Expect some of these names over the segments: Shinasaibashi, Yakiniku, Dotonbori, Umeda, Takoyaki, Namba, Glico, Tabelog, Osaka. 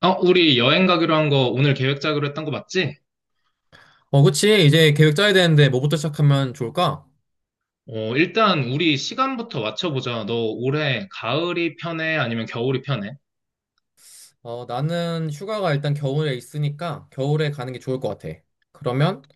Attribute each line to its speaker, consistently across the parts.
Speaker 1: 우리 여행 가기로 한 거 오늘 계획 짜기로 했던 거 맞지?
Speaker 2: 그치. 이제 계획 짜야 되는데 뭐부터 시작하면 좋을까?
Speaker 1: 일단 우리 시간부터 맞춰보자. 너 올해 가을이 편해? 아니면 겨울이 편해?
Speaker 2: 나는 휴가가 일단 겨울에 있으니까 겨울에 가는 게 좋을 것 같아. 그러면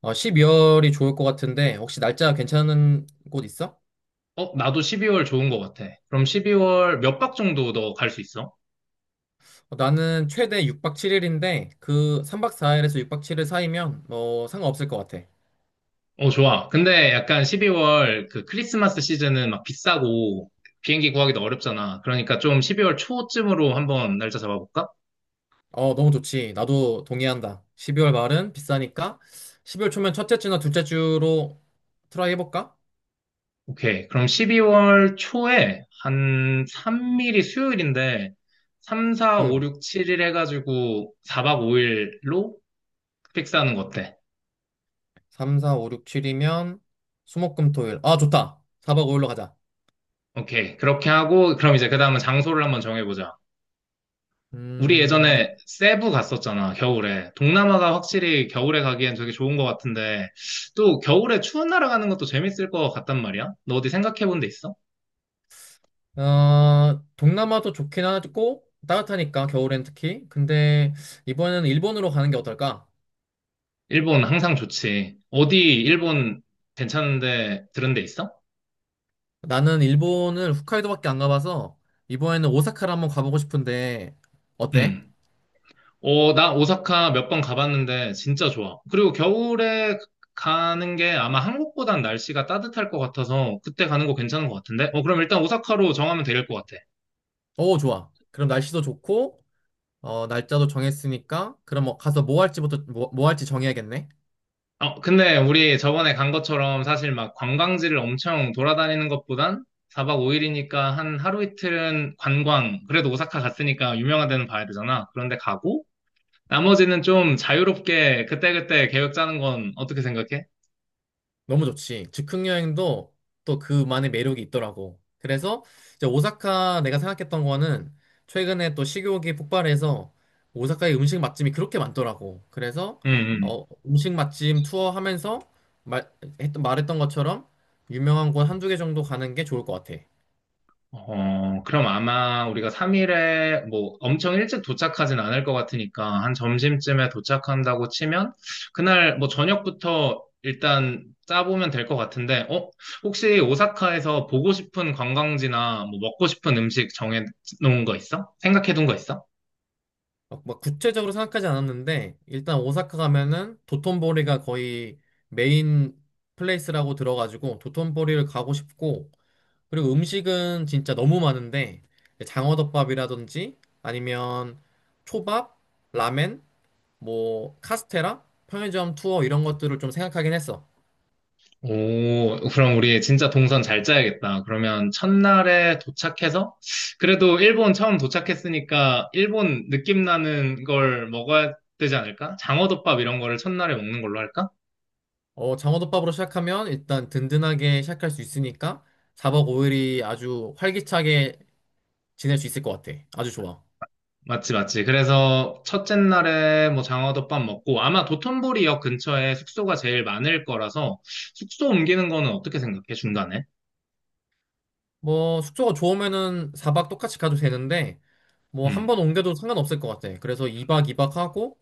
Speaker 2: 12월이 좋을 것 같은데 혹시 날짜 괜찮은 곳 있어?
Speaker 1: 나도 12월 좋은 거 같아. 그럼 12월 몇 박 정도 너 갈 수 있어?
Speaker 2: 나는 최대 6박 7일인데 그 3박 4일에서 6박 7일 사이면 뭐 상관없을 것 같아.
Speaker 1: 좋아. 근데 약간 12월 그 크리스마스 시즌은 막 비싸고 비행기 구하기도 어렵잖아. 그러니까 좀 12월 초쯤으로 한번 날짜 잡아볼까?
Speaker 2: 너무 좋지. 나도 동의한다. 12월 말은 비싸니까 12월 초면 첫째 주나 둘째 주로 트라이 해볼까?
Speaker 1: 오케이. 그럼 12월 초에 한 3일이 수요일인데, 3, 4, 5,
Speaker 2: 응.
Speaker 1: 6, 7일 해가지고 4박 5일로 픽스하는 거 어때?
Speaker 2: 3, 4, 5, 6, 7이면 수목금토일. 아, 좋다. 4박 5일로 가자.
Speaker 1: 오케이. 그렇게 하고, 그럼 이제 그 다음은 장소를 한번 정해보자. 우리
Speaker 2: 음,
Speaker 1: 예전에 세부 갔었잖아, 겨울에. 동남아가 확실히 겨울에 가기엔 되게 좋은 것 같은데, 또 겨울에 추운 나라 가는 것도 재밌을 것 같단 말이야? 너 어디 생각해본 데 있어?
Speaker 2: 동남아도 좋긴 하고 따뜻하니까 겨울엔 특히. 근데 이번에는 일본으로 가는 게 어떨까?
Speaker 1: 일본 항상 좋지. 어디 일본 괜찮은데 들은 데 있어?
Speaker 2: 나는 일본을 홋카이도밖에 안 가봐서 이번에는 오사카를 한번 가보고 싶은데 어때?
Speaker 1: 응. 나 오사카 몇 번 가봤는데 진짜 좋아. 그리고 겨울에 가는 게 아마 한국보단 날씨가 따뜻할 것 같아서 그때 가는 거 괜찮은 것 같은데? 그럼 일단 오사카로 정하면 될 것 같아.
Speaker 2: 오, 좋아. 그럼 날씨도 좋고 날짜도 정했으니까 그럼 뭐 가서 뭐 할지부터 뭐 할지 정해야겠네.
Speaker 1: 근데 우리 저번에 간 것처럼 사실 막 관광지를 엄청 돌아다니는 것보단 4박 5일이니까 한 하루 이틀은 관광, 그래도 오사카 갔으니까 유명한 데는 봐야 되잖아. 그런데 가고, 나머지는 좀 자유롭게 그때그때 계획 짜는 건 어떻게 생각해?
Speaker 2: 너무 좋지. 즉흥 여행도 또 그만의 매력이 있더라고. 그래서 이제 오사카 내가 생각했던 거는 최근에 또 식욕이 폭발해서 오사카의 음식 맛집이 그렇게 많더라고. 그래서
Speaker 1: 응, 응.
Speaker 2: 음식 맛집 투어 하면서 말, 말했던 것처럼 유명한 곳 한두 개 정도 가는 게 좋을 것 같아.
Speaker 1: 그럼 아마 우리가 3일에 뭐 엄청 일찍 도착하진 않을 것 같으니까 한 점심쯤에 도착한다고 치면 그날 뭐 저녁부터 일단 짜보면 될 것 같은데? 혹시 오사카에서 보고 싶은 관광지나 뭐 먹고 싶은 음식 정해 놓은 거 있어? 생각해 둔 거 있어?
Speaker 2: 막 구체적으로 생각하지 않았는데 일단 오사카 가면은 도톤보리가 거의 메인 플레이스라고 들어가지고 도톤보리를 가고 싶고 그리고 음식은 진짜 너무 많은데 장어덮밥이라든지 아니면 초밥, 라멘, 뭐 카스테라, 편의점 투어 이런 것들을 좀 생각하긴 했어.
Speaker 1: 오, 그럼 우리 진짜 동선 잘 짜야겠다. 그러면 첫날에 도착해서, 그래도 일본 처음 도착했으니까 일본 느낌 나는 걸 먹어야 되지 않을까? 장어덮밥 이런 거를 첫날에 먹는 걸로 할까?
Speaker 2: 장어덮밥으로 시작하면 일단 든든하게 시작할 수 있으니까 4박 5일이 아주 활기차게 지낼 수 있을 것 같아. 아주 좋아.
Speaker 1: 맞지, 맞지. 그래서 첫째 날에 뭐 장어덮밥 먹고, 아마 도톤보리역 근처에 숙소가 제일 많을 거라서 숙소 옮기는 거는 어떻게 생각해? 중간에?
Speaker 2: 뭐 숙소가 좋으면은 4박 똑같이 가도 되는데 뭐 한
Speaker 1: 응,
Speaker 2: 번 옮겨도 상관없을 것 같아. 그래서 2박 2박 하고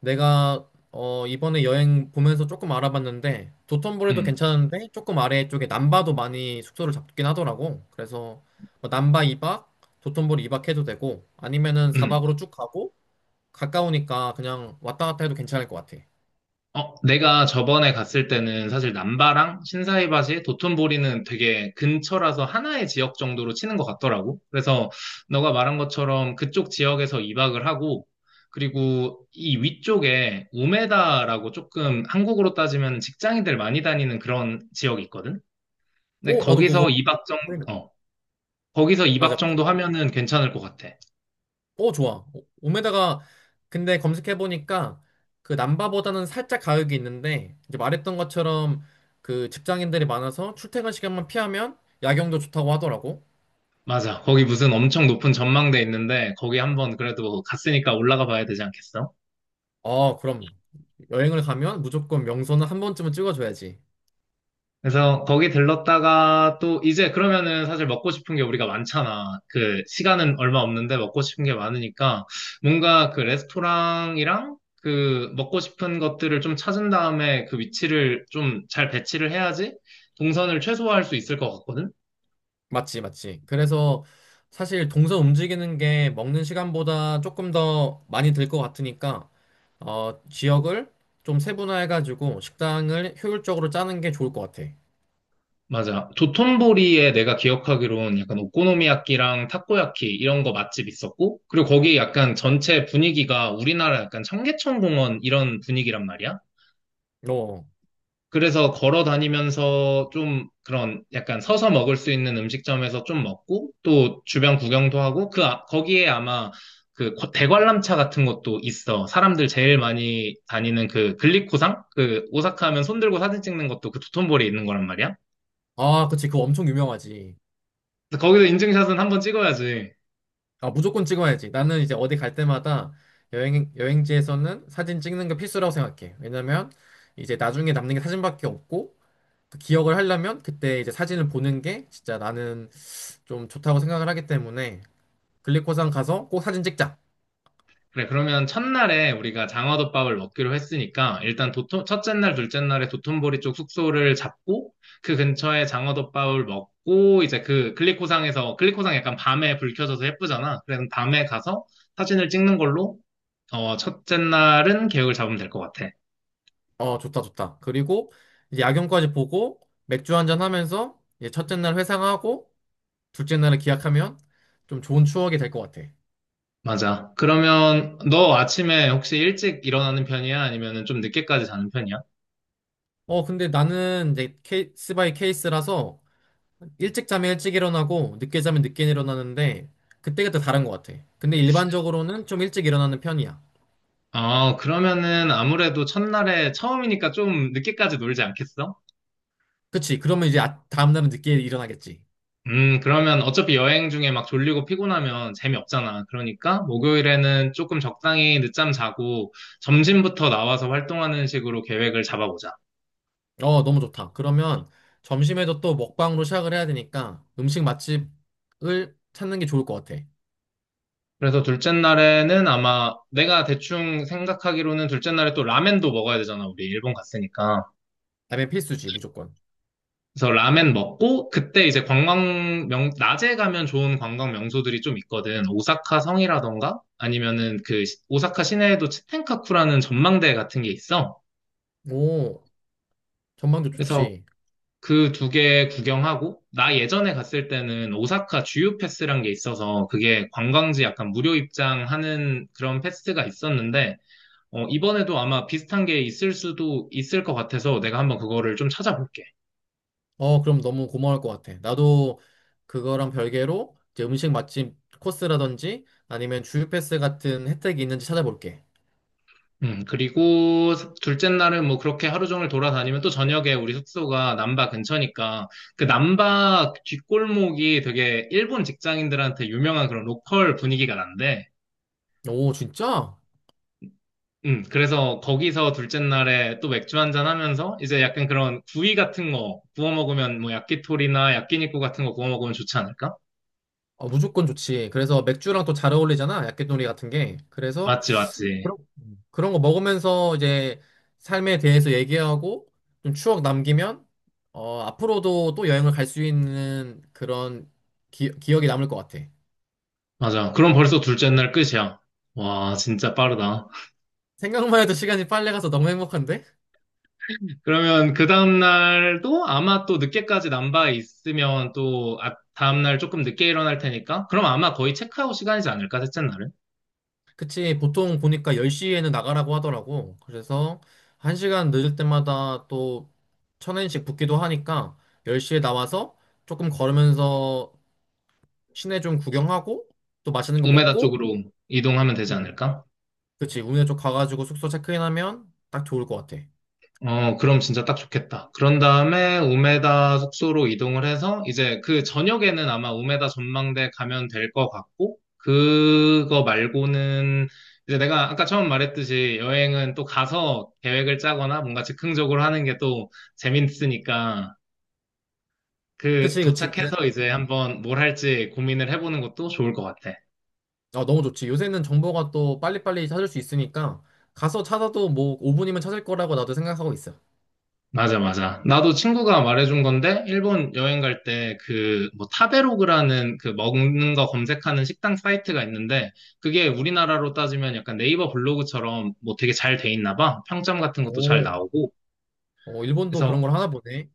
Speaker 2: 내가 이번에 여행 보면서 조금 알아봤는데 도톤보리도
Speaker 1: 응,
Speaker 2: 괜찮은데 조금 아래쪽에 남바도 많이 숙소를 잡긴 하더라고. 그래서 뭐 남바 2박, 도톤보리 2박 해도 되고 아니면은
Speaker 1: 응.
Speaker 2: 4박으로 쭉 가고 가까우니까 그냥 왔다 갔다 해도 괜찮을 것 같아.
Speaker 1: 내가 저번에 갔을 때는 사실 남바랑 신사이바시, 도톤보리는 되게 근처라서 하나의 지역 정도로 치는 것 같더라고. 그래서 너가 말한 것처럼 그쪽 지역에서 2박을 하고, 그리고 이 위쪽에 우메다라고 조금 한국으로 따지면 직장인들 많이 다니는 그런 지역이 있거든? 근데
Speaker 2: 오, 나도 그거
Speaker 1: 거기서
Speaker 2: 확인해.
Speaker 1: 어, 거기서
Speaker 2: 맞아.
Speaker 1: 2박 정도 하면은 괜찮을 것 같아.
Speaker 2: 오, 좋아. 오메다가 근데 검색해 보니까 그 남바보다는 살짝 가격이 있는데 이제 말했던 것처럼 그 직장인들이 많아서 출퇴근 시간만 피하면 야경도 좋다고 하더라고.
Speaker 1: 맞아. 거기 무슨 엄청 높은 전망대 있는데, 거기 한번 그래도 갔으니까 올라가 봐야 되지 않겠어?
Speaker 2: 그럼 여행을 가면 무조건 명소는 한 번쯤은 찍어줘야지.
Speaker 1: 그래서 거기 들렀다가 또 이제 그러면은 사실 먹고 싶은 게 우리가 많잖아. 그 시간은 얼마 없는데 먹고 싶은 게 많으니까 뭔가 그 레스토랑이랑 그 먹고 싶은 것들을 좀 찾은 다음에 그 위치를 좀 잘 배치를 해야지 동선을 최소화할 수 있을 것 같거든?
Speaker 2: 맞지, 맞지. 그래서 사실 동선 움직이는 게 먹는 시간보다 조금 더 많이 들 것 같으니까 지역을 좀 세분화해가지고 식당을 효율적으로 짜는 게 좋을 것 같아.
Speaker 1: 맞아. 도톤보리에 내가 기억하기로는 약간 오코노미야끼랑 타코야키 이런 거 맛집 있었고 그리고 거기 약간 전체 분위기가 우리나라 약간 청계천 공원 이런 분위기란 말이야.
Speaker 2: 어.
Speaker 1: 그래서 걸어 다니면서 좀 그런 약간 서서 먹을 수 있는 음식점에서 좀 먹고 또 주변 구경도 하고 그 거기에 아마 그 대관람차 같은 것도 있어. 사람들 제일 많이 다니는 그 글리코상? 그 오사카 하면 손 들고 사진 찍는 것도 그 도톤보리 있는 거란 말이야.
Speaker 2: 아, 그치. 그거 엄청 유명하지.
Speaker 1: 그래서 거기서 인증샷은 한번 찍어야지.
Speaker 2: 아, 무조건 찍어야지. 나는 이제 어디 갈 때마다 여행지에서는 사진 찍는 게 필수라고 생각해. 왜냐면 이제 나중에 남는 게 사진밖에 없고 그 기억을 하려면 그때 이제 사진을 보는 게 진짜 나는 좀 좋다고 생각을 하기 때문에 글리코산 가서 꼭 사진 찍자.
Speaker 1: 그래, 그러면 첫날에 우리가 장어덮밥을 먹기로 했으니까 일단 첫째 날, 둘째 날에 도톤보리 쪽 숙소를 잡고 그 근처에 장어덮밥을 먹고 이제 그 글리코상에서, 글리코상 약간 밤에 불 켜져서 예쁘잖아. 그래서 밤에 가서 사진을 찍는 걸로 첫째 날은 계획을 잡으면 될 것 같아.
Speaker 2: 좋다, 좋다. 그리고 이제 야경까지 보고 맥주 한 잔 하면서 이제 첫째 날 회상하고 둘째 날을 기약하면 좀 좋은 추억이 될 것 같아.
Speaker 1: 맞아. 그러면 너 아침에 혹시 일찍 일어나는 편이야? 아니면은 좀 늦게까지 자는 편이야?
Speaker 2: 근데 나는 이제 케이스 바이 케이스라서 일찍 자면 일찍 일어나고 늦게 자면 늦게 일어나는데 그때그때 다른 것 같아. 근데 일반적으로는 좀 일찍 일어나는 편이야.
Speaker 1: 그러면은 아무래도 첫날에 처음이니까 좀 늦게까지 놀지 않겠어?
Speaker 2: 그치? 그러면 이제 다음 날은 늦게 일어나겠지.
Speaker 1: 그러면 어차피 여행 중에 막 졸리고 피곤하면 재미없잖아. 그러니까 목요일에는 조금 적당히 늦잠 자고 점심부터 나와서 활동하는 식으로 계획을 잡아보자.
Speaker 2: 너무 좋다. 그러면 점심에도 또 먹방으로 시작을 해야 되니까 음식 맛집을 찾는 게 좋을 것 같아.
Speaker 1: 그래서 둘째 날에는 아마 내가 대충 생각하기로는 둘째 날에 또 라멘도 먹어야 되잖아. 우리 일본 갔으니까.
Speaker 2: 라면 필수지, 무조건.
Speaker 1: 그래서 라멘 먹고 그때 이제 관광 낮에 가면 좋은 관광 명소들이 좀 있거든. 오사카 성이라던가 아니면은 그 오사카 시내에도 치텐카쿠라는 전망대 같은 게 있어.
Speaker 2: 오, 전망도
Speaker 1: 그래서
Speaker 2: 좋지.
Speaker 1: 그 두 개 구경하고, 나 예전에 갔을 때는 오사카 주유 패스란 게 있어서, 그게 관광지 약간 무료 입장하는 그런 패스가 있었는데, 이번에도 아마 비슷한 게 있을 수도 있을 것 같아서 내가 한번 그거를 좀 찾아볼게.
Speaker 2: 그럼 너무 고마울 것 같아. 나도 그거랑 별개로 이제 음식 맛집 코스라든지 아니면 주유 패스 같은 혜택이 있는지 찾아볼게.
Speaker 1: 그리고 둘째 날은 뭐 그렇게 하루 종일 돌아다니면 또 저녁에 우리 숙소가 남바 근처니까 그 남바 뒷골목이 되게 일본 직장인들한테 유명한 그런 로컬 분위기가 난데
Speaker 2: 오, 진짜?
Speaker 1: 그래서 거기서 둘째 날에 또 맥주 한잔 하면서 이제 약간 그런 구이 같은 거 구워 먹으면 뭐 야끼토리나 야끼니쿠 같은 거 구워 먹으면 좋지 않을까?
Speaker 2: 무조건 좋지. 그래서 맥주랑 또 잘 어울리잖아. 약개놀이 같은 게. 그래서
Speaker 1: 맞지, 맞지.
Speaker 2: 그런, 그런 거 먹으면서 이제 삶에 대해서 얘기하고 좀 추억 남기면 앞으로도 또 여행을 갈 수 있는 그런 기억이 남을 것 같아.
Speaker 1: 맞아. 그럼 벌써 둘째 날 끝이야. 와, 진짜 빠르다.
Speaker 2: 생각만 해도 시간이 빨리 가서 너무 행복한데?
Speaker 1: 그러면 그 다음 날도 아마 또 늦게까지 남바에 있으면 또 아, 다음 날 조금 늦게 일어날 테니까 그럼 아마 거의 체크아웃 시간이지 않을까? 셋째 날은?
Speaker 2: 그치, 보통 보니까 10시에는 나가라고 하더라고. 그래서 1시간 늦을 때마다 또 1,000엔씩 붓기도 하니까 10시에 나와서 조금 걸으면서 시내 좀 구경하고 또 맛있는 거
Speaker 1: 우메다
Speaker 2: 먹고
Speaker 1: 쪽으로 이동하면 되지 않을까?
Speaker 2: 그치, 우리네 쪽 가가지고 숙소 체크인하면 딱 좋을 것 같아.
Speaker 1: 그럼 진짜 딱 좋겠다. 그런 다음에 우메다 숙소로 이동을 해서 이제 그 저녁에는 아마 우메다 전망대 가면 될 것 같고, 그거 말고는 이제 내가 아까 처음 말했듯이 여행은 또 가서 계획을 짜거나 뭔가 즉흥적으로 하는 게 또 재밌으니까 그
Speaker 2: 그치, 그치.
Speaker 1: 도착해서 이제 한번 뭘 할지 고민을 해보는 것도 좋을 것 같아.
Speaker 2: 너무 좋지. 요새는 정보가 또 빨리빨리 찾을 수 있으니까 가서 찾아도 뭐 5분이면 찾을 거라고 나도 생각하고 있어.
Speaker 1: 맞아, 맞아. 나도 친구가 말해준 건데, 일본 여행 갈 때 그, 뭐, 타베로그라는 그 먹는 거 검색하는 식당 사이트가 있는데, 그게 우리나라로 따지면 약간 네이버 블로그처럼 뭐 되게 잘 돼 있나 봐. 평점 같은 것도 잘
Speaker 2: 오,
Speaker 1: 나오고.
Speaker 2: 일본도 그런
Speaker 1: 그래서,
Speaker 2: 걸 하나 보네.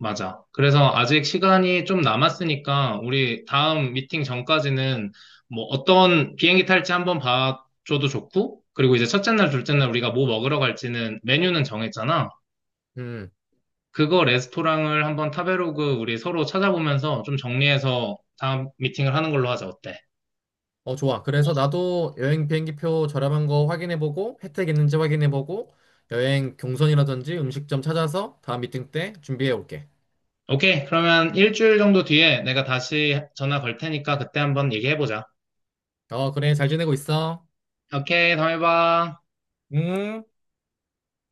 Speaker 1: 맞아. 그래서 아직 시간이 좀 남았으니까, 우리 다음 미팅 전까지는 뭐 어떤 비행기 탈지 한번 봐줘도 좋고, 그리고 이제 첫째 날, 둘째 날 우리가 뭐 먹으러 갈지는 메뉴는 정했잖아.
Speaker 2: 음,
Speaker 1: 그거 레스토랑을 한번 타베로그 우리 서로 찾아보면서 좀 정리해서 다음 미팅을 하는 걸로 하자. 어때?
Speaker 2: 좋아. 그래서 나도 여행 비행기표 저렴한 거 확인해보고 혜택 있는지 확인해보고 여행 경선이라든지 음식점 찾아서 다음 미팅 때 준비해 올게.
Speaker 1: 오케이. 그러면 일주일 정도 뒤에 내가 다시 전화 걸 테니까 그때 한번 얘기해보자.
Speaker 2: 그래. 잘 지내고 있어.
Speaker 1: 오케이. 다음에 봐.
Speaker 2: 음.